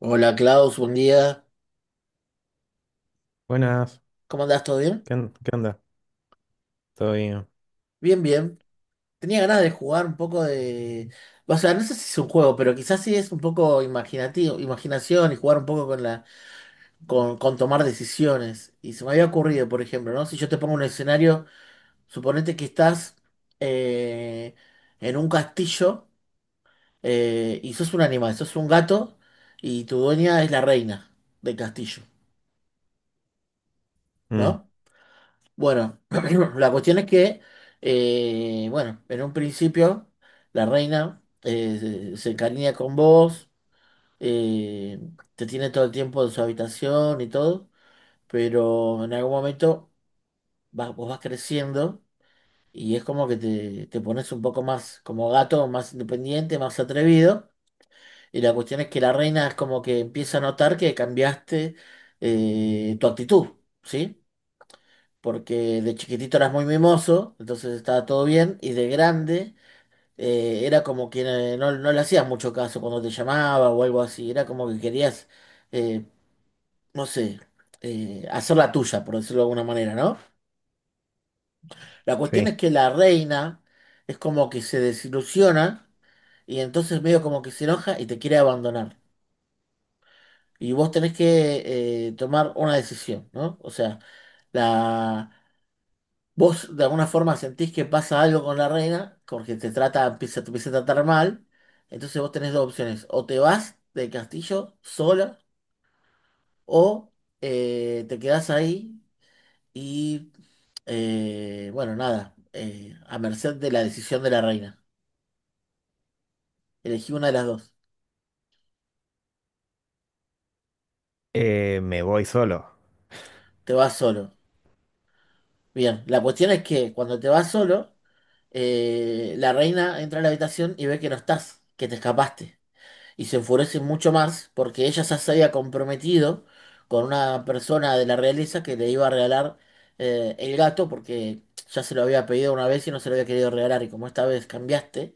Hola Klaus, buen día. Buenas, ¿Cómo andás? ¿Todo bien? ¿ qué onda? ¿Todo bien? Bien, bien. Tenía ganas de jugar un poco de. O sea, no sé si es un juego, pero quizás sí es un poco imaginativo, imaginación y jugar un poco con la, con tomar decisiones. Y se me había ocurrido, por ejemplo, ¿no? Si yo te pongo un escenario, suponete que estás eh, en un castillo y sos un animal, sos un gato y tu dueña es la reina del castillo, Mm, ¿no? Bueno, la cuestión es que, bueno, en un principio la reina se encariña con vos, eh, te tiene todo el tiempo en su habitación y todo, pero en algún momento vos vas creciendo y es como que te pones un poco más como gato, más independiente, más atrevido. Y la cuestión es que la reina es como que empieza a notar que cambiaste tu actitud, ¿sí? Porque de chiquitito eras muy mimoso, entonces estaba todo bien, y de grande era como que no le hacías mucho caso cuando te llamaba o algo así, era como que querías, eh, no sé, hacer la tuya, por decirlo de alguna manera, ¿no? La cuestión es sí. que la reina es como que se desilusiona y entonces medio como que se enoja y te quiere abandonar. Y vos tenés que tomar una decisión, ¿no? O sea, la Vos de alguna forma sentís que pasa algo con la reina, porque te empieza a tratar mal. Entonces vos tenés dos opciones. O te vas del castillo sola, o te quedás ahí y, bueno, nada, a merced de la decisión de la reina. Elegí una de las dos. Me voy solo. Te vas solo. Bien, la cuestión es que cuando te vas solo, la reina entra a la habitación y ve que no estás, que te escapaste. Y se enfurece mucho más porque ella ya se había comprometido con una persona de la realeza que le iba a regalar el gato porque ya se lo había pedido una vez y no se lo había querido regalar y como esta vez cambiaste,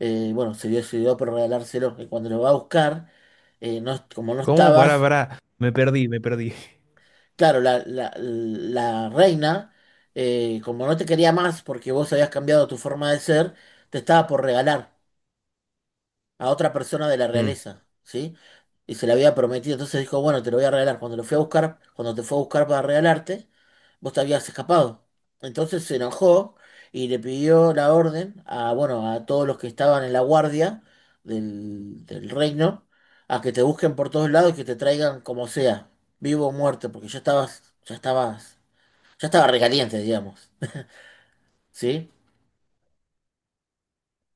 bueno, se decidió por regalárselo y cuando lo va a buscar, como no ¿Cómo? Pará, estabas, pará. Me perdí. claro, la reina, como no te quería más porque vos habías cambiado tu forma de ser, te estaba por regalar a otra persona de la Mm, realeza, ¿sí? Y se la había prometido, entonces dijo, bueno, te lo voy a regalar. Cuando te fue a buscar para regalarte, vos te habías escapado. Entonces se enojó y le pidió la orden a, bueno, a todos los que estaban en la guardia del reino, a que te busquen por todos lados y que te traigan como sea, vivo o muerto, porque ya estaba recaliente, digamos. ¿Sí?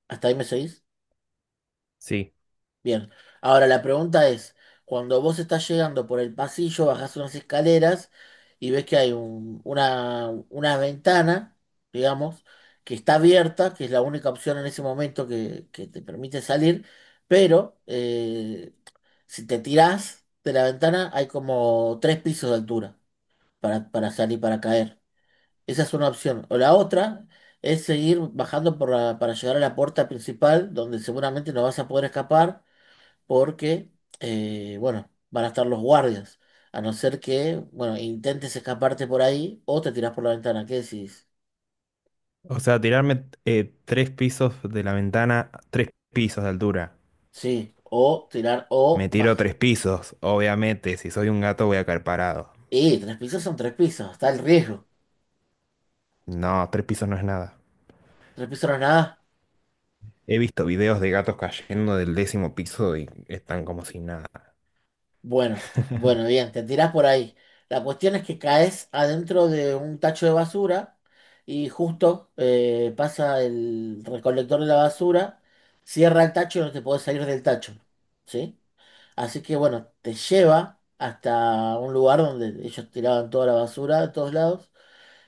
¿Hasta ahí me seguís? sí. Bien, ahora la pregunta es, cuando vos estás llegando por el pasillo, bajás unas escaleras y ves que hay una ventana, digamos, que está abierta, que es la única opción en ese momento que te permite salir, pero si te tirás de la ventana hay como tres pisos de altura para salir, para caer. Esa es una opción. O la otra es seguir bajando para llegar a la puerta principal, donde seguramente no vas a poder escapar porque, bueno, van a estar los guardias. A no ser que, bueno, intentes escaparte por ahí o te tirás por la ventana. ¿Qué decís? O sea, tirarme tres pisos de la ventana, tres pisos de altura. Sí, o tirar Me o tiro baja. tres pisos, obviamente. Si soy un gato voy a caer parado. Y tres pisos son tres pisos, está el riesgo. No, tres pisos no es nada. Tres pisos no es nada. He visto videos de gatos cayendo del décimo piso y están como si nada. Bueno, bueno, bien, te tirás por ahí. La cuestión es que caes adentro de un tacho de basura y justo pasa el recolector de la basura, cierra el tacho y no te podés salir del tacho. ¿Sí? Así que bueno, te lleva hasta un lugar donde ellos tiraban toda la basura de todos lados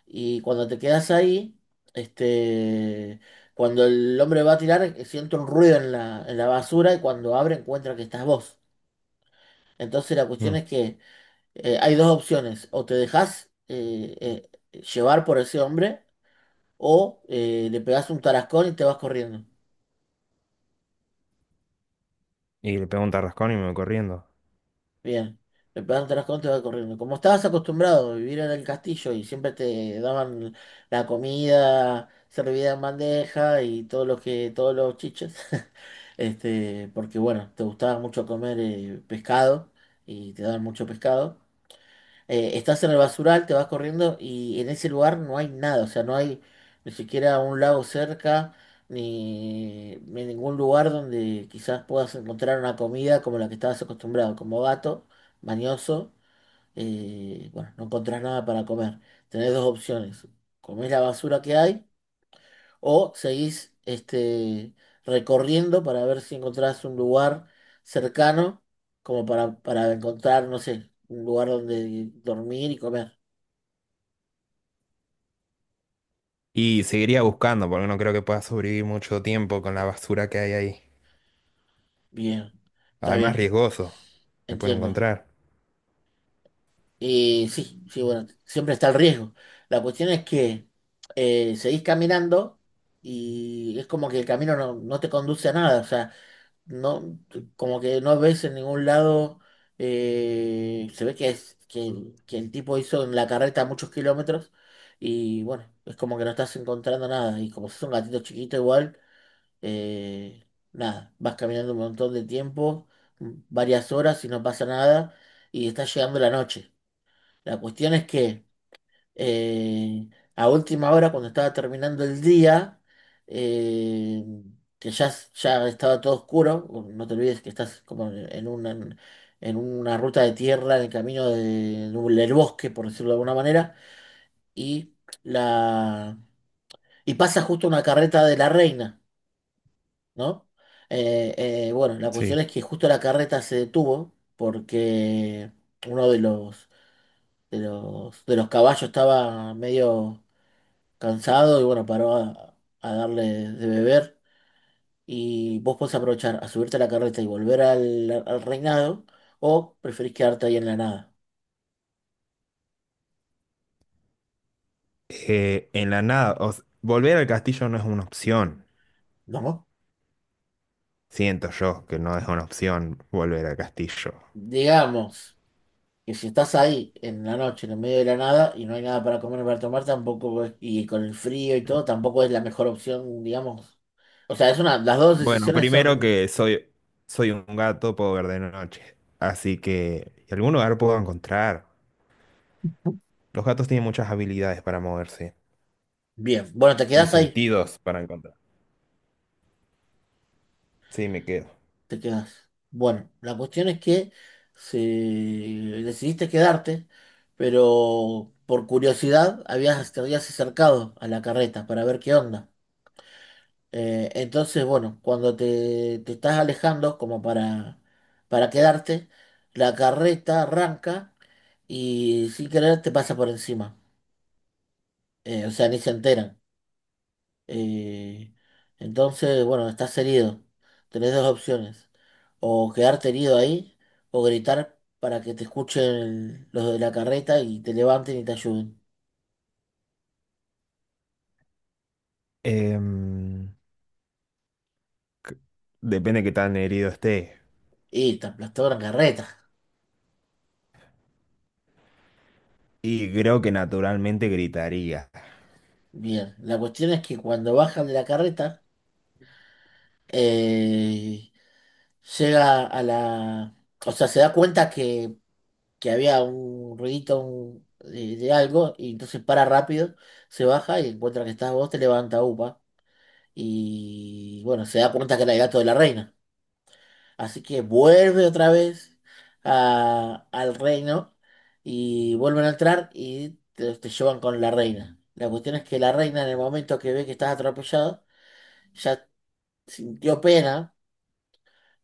y cuando te quedas ahí, este, cuando el hombre va a tirar, siente un ruido en la basura y cuando abre encuentra que estás vos. Entonces la cuestión Mm. es que hay dos opciones, o te dejas llevar por ese hombre o le pegás un tarascón y te vas corriendo. Y le pego un tarrascón y me voy corriendo. Bien, le pegaron tres contos y va corriendo. Como estabas acostumbrado a vivir en el castillo y siempre te daban la comida servida en bandeja y todos los chiches, porque bueno, te gustaba mucho comer pescado y te daban mucho pescado estás en el basural, te vas corriendo y en ese lugar no hay nada, o sea, no hay ni siquiera un lago cerca, ni ningún lugar donde quizás puedas encontrar una comida como la que estabas acostumbrado, como gato, mañoso, bueno, no encontrás nada para comer. Tenés dos opciones, comés la basura que hay o seguís recorriendo para ver si encontrás un lugar cercano como para encontrar, no sé, un lugar donde dormir y comer. Y seguiría buscando, porque no creo que pueda sobrevivir mucho tiempo con la basura que hay ahí. Bien, está Además, bien, riesgoso. Me pueden entiendo. encontrar. Y sí, sí, bueno, siempre está el riesgo. La cuestión es que seguís caminando y es como que el camino no te conduce a nada. O sea, no, como que no ves en ningún lado, se ve que el tipo hizo en la carreta muchos kilómetros y bueno, es como que no estás encontrando nada y como sos un gatito chiquito igual. eh, Nada, vas caminando un montón de tiempo, varias horas y no pasa nada, y está llegando la noche. La cuestión es que eh, a última hora, cuando estaba terminando el día, eh, ya estaba todo oscuro, o no te olvides que estás como en una ruta de tierra, en el camino del bosque, por decirlo de alguna manera, y, la, y pasa justo una carreta de la reina. ¿No? Eh, bueno, la cuestión Sí. es que justo la carreta se detuvo porque uno de los caballos estaba medio cansado y bueno, paró a darle de beber. Y vos podés aprovechar a subirte a la carreta y volver al reinado o preferís quedarte ahí en la nada. En la nada, volver al castillo no es una opción. ¿No? Siento yo que no es una opción volver al castillo. Digamos, que si estás ahí en la noche, en el medio de la nada, y no hay nada para comer ni para tomar, tampoco es- y con el frío y todo, tampoco es la mejor opción, digamos. O sea, las dos Bueno, decisiones son. Soy un gato, puedo ver de noche. Así que y algún lugar puedo encontrar. Los gatos tienen muchas habilidades para moverse Bien. Bueno, te y quedás ahí, sentidos para encontrar. Sí, me quedo. te quedás. Bueno, la cuestión es que decidiste quedarte, pero por curiosidad te habías acercado a la carreta para ver qué onda. Entonces, bueno, cuando te estás alejando como para quedarte, la carreta arranca y sin querer te pasa por encima. O sea, ni se enteran. Eh, entonces, bueno, estás herido. Tenés dos opciones. O quedarte herido ahí o gritar para que te escuchen los de la carreta y te levanten y te ayuden. Em, Depende de qué tan herido esté. Y te aplastó la carreta. Y creo que naturalmente gritaría. Bien, la cuestión es que cuando bajan de la carreta, eh, llega a la, o sea, se da cuenta que había un ruidito de algo y entonces para rápido, se baja y encuentra que estás vos, te levanta upa y bueno, se da cuenta que era el gato de la reina. Así que vuelve otra vez al reino y vuelven a entrar y te llevan con la reina. La cuestión es que la reina en el momento que ve que estás atropellado, ya sintió pena.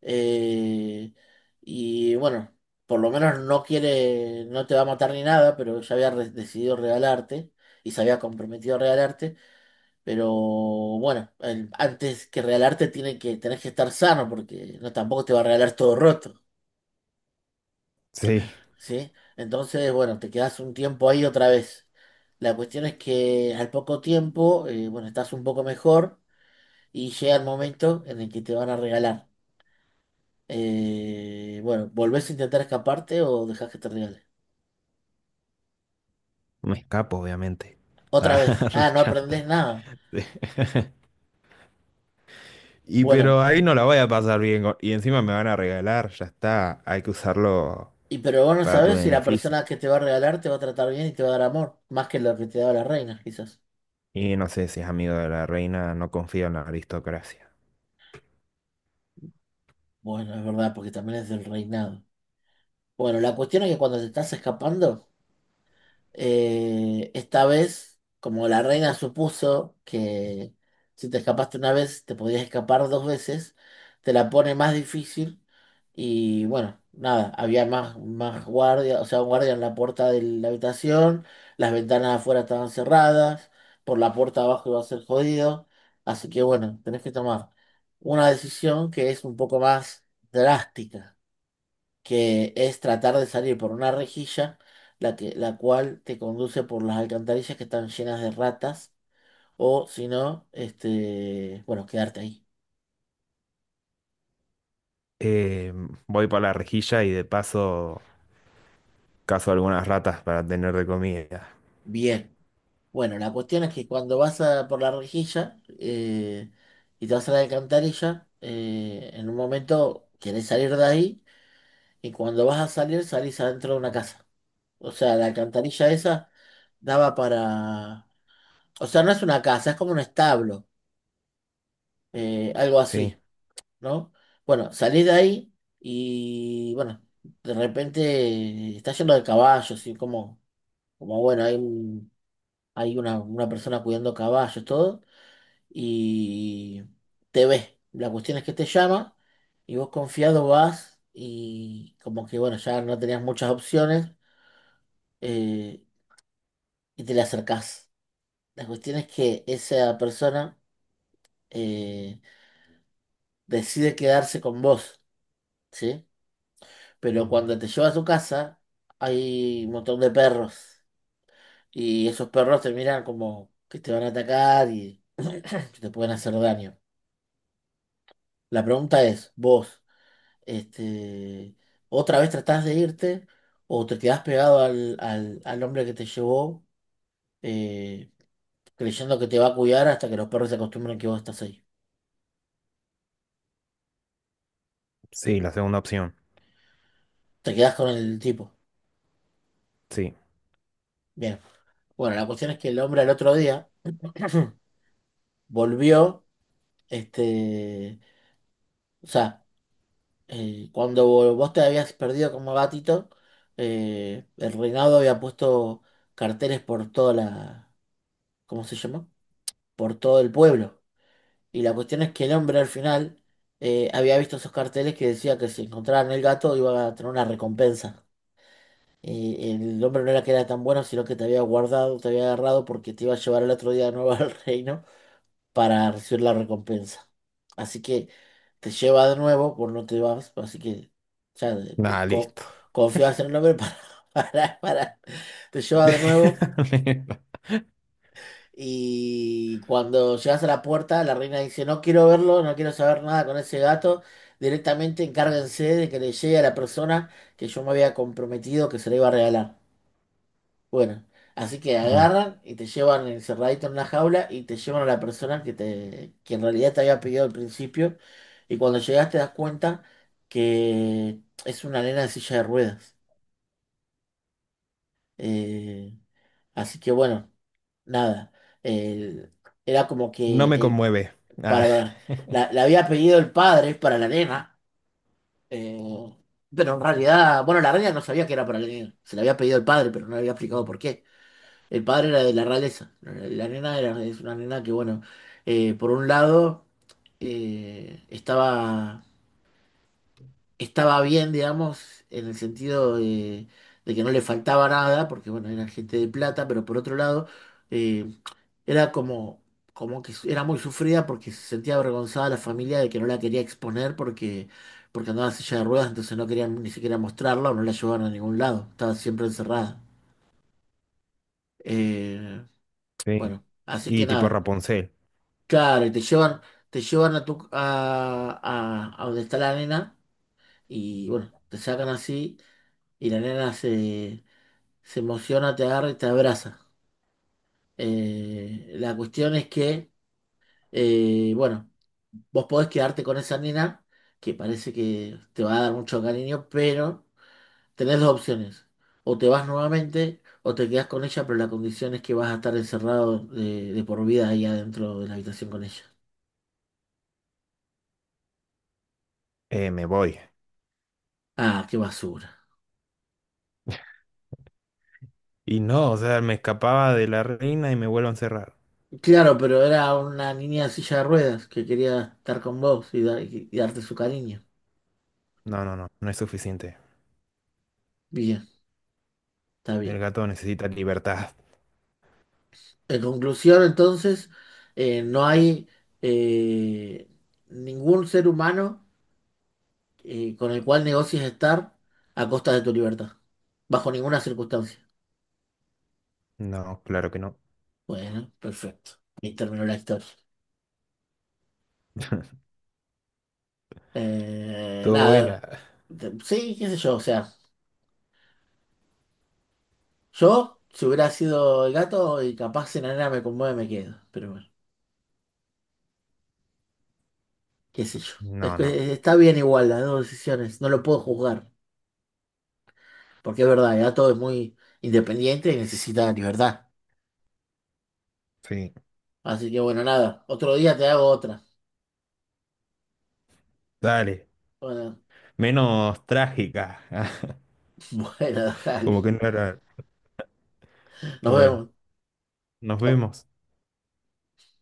Eh, y bueno, por lo menos no quiere, no te va a matar ni nada, pero ya había decidido regalarte y se había comprometido a regalarte. Pero bueno, antes que regalarte tenés que estar sano porque no tampoco te va a regalar todo roto, Sí, ¿sí? Entonces, bueno, te quedas un tiempo ahí otra vez. La cuestión es que al poco tiempo, bueno, estás un poco mejor y llega el momento en el que te van a regalar. Bueno, ¿volvés a intentar escaparte o dejás que te regale? me escapo, obviamente. Otra Ah, vez. re Ah, no chanta. aprendés nada. Sí. Y Bueno, pero ahí no la voy a pasar bien. Y encima me van a regalar, ya está. Hay que usarlo y pero vos no para tu sabés si la beneficio. persona que te va a regalar te va a tratar bien y te va a dar amor, más que lo que te daba la reina, quizás. Y no sé si es amigo de la reina, no confío en la aristocracia. Bueno, es verdad, porque también es del reinado. Bueno, la cuestión es que cuando te estás escapando. Esta vez, como la reina supuso que si te escapaste una vez, te podías escapar dos veces, te la pone más difícil y bueno, nada, había más guardia, o sea, un guardia en la puerta de la habitación, las ventanas afuera estaban cerradas, por la puerta abajo iba a ser jodido, así que bueno, tenés que tomar una decisión que es un poco más drástica, que es tratar de salir por una rejilla, la cual te conduce por las alcantarillas que están llenas de ratas, o si no, bueno, quedarte ahí. Eh, Voy para la rejilla y de paso cazo algunas ratas para tener de comida. Bien. Bueno, la cuestión es que cuando por la rejilla y te vas a la alcantarilla, en un momento querés salir de ahí y cuando vas a salir, salís adentro de una casa. O sea, la alcantarilla esa daba para... O sea, no es una casa, es como un establo, algo Sí, así, ¿no? Bueno, salí de ahí y bueno, de repente está lleno de caballos y como bueno, hay una persona cuidando caballos, todo, y te ve. La cuestión es que te llama y vos confiado vas y como que bueno, ya no tenías muchas opciones, eh, y te le acercás. La cuestión es que esa persona, eh, decide quedarse con vos, ¿sí? Pero cuando te lleva a su casa hay un montón de perros y esos perros te miran como que te van a atacar y te pueden hacer daño. La pregunta es, vos, este, ¿otra vez tratás de irte o te quedás pegado al hombre que te llevó, eh, creyendo que te va a cuidar hasta que los perros se acostumbren que vos estás ahí? sí, la segunda opción. Te quedás con el tipo. Sí. Bien. Bueno, la cuestión es que el hombre al otro día volvió, este, o sea, cuando vos te habías perdido como gatito, el reinado había puesto carteles por toda la, ¿cómo se llama? Por todo el pueblo. Y la cuestión es que el hombre al final había visto esos carteles que decía que si encontraban el gato iba a tener una recompensa. Y el hombre no era que era tan bueno, sino que te había guardado, te había agarrado porque te iba a llevar el otro día de nuevo al reino para recibir la recompensa. Así que te lleva de nuevo, por no te vas, así que ya de- Nada, co- listo. confías en el hombre para, para, para- te lleva de nuevo. Y cuando llegas a la puerta, la reina dice, no quiero verlo, no quiero saber nada con ese gato, directamente encárguense de que le llegue a la persona que yo me había comprometido que se le iba a regalar. Bueno, así que Mm. agarran y te llevan encerradito en una jaula y te llevan a la persona que en realidad te había pedido al principio. Y cuando llegas te das cuenta que es una nena de silla de ruedas. Eh, Así que bueno, nada. El- Era como que No me conmueve. para, Ah. para- la había pedido el padre para la nena. eh, pero en realidad, bueno, la reina no sabía que era para la nena. Se la había pedido el padre, pero no le había explicado por qué. El padre era de la realeza. Es una nena que, bueno, por un lado, eh, estaba, estaba bien, digamos, en el sentido de que no le faltaba nada, porque, bueno, era gente de plata, pero por otro lado, eh, era como, como era muy sufrida porque se sentía avergonzada la familia de que no la quería exponer porque, porque andaba en silla de ruedas, entonces no querían ni siquiera mostrarla o no la llevaban a ningún lado. Estaba siempre encerrada. Eh, Sí. bueno, así Y que tipo nada. Rapunzel, Claro, y te llevan a a donde está la nena y bueno, te sacan así y se emociona, te agarra y te abraza. La cuestión es que, Bueno, vos podés quedarte con esa nena que parece que te va a dar mucho cariño, pero tenés dos opciones. O te vas nuevamente o te quedás con ella, pero la condición es que vas a estar encerrado de por vida ahí adentro de la habitación con ella. Me voy. Ah, qué basura. Y no, o sea, me escapaba de la reina y me vuelvo a encerrar. Claro, pero era una niña en silla de ruedas que quería estar con vos y, y darte su cariño. No, no, no, no es suficiente. Bien, está El bien. gato necesita libertad. En conclusión, entonces, no hay eh, ningún ser humano, con el cual negocies estar a costa de tu libertad, bajo ninguna circunstancia. No, claro que no. Bueno, perfecto. Y terminó la historia. Todo Nada, buena. Sí, qué sé yo, o sea, yo, si hubiera sido el gato y capaz si la nena me conmueve, me quedo, pero bueno, qué sé yo. Es No, que no, está bien igual las dos decisiones, no lo puedo juzgar, porque es verdad, ya todo es muy independiente y necesita libertad. sí. Así que bueno, nada, otro día te hago otra. Dale. Bueno, Menos trágica. bueno, dale. Como que no era. Nos Bueno, vemos. nos vemos.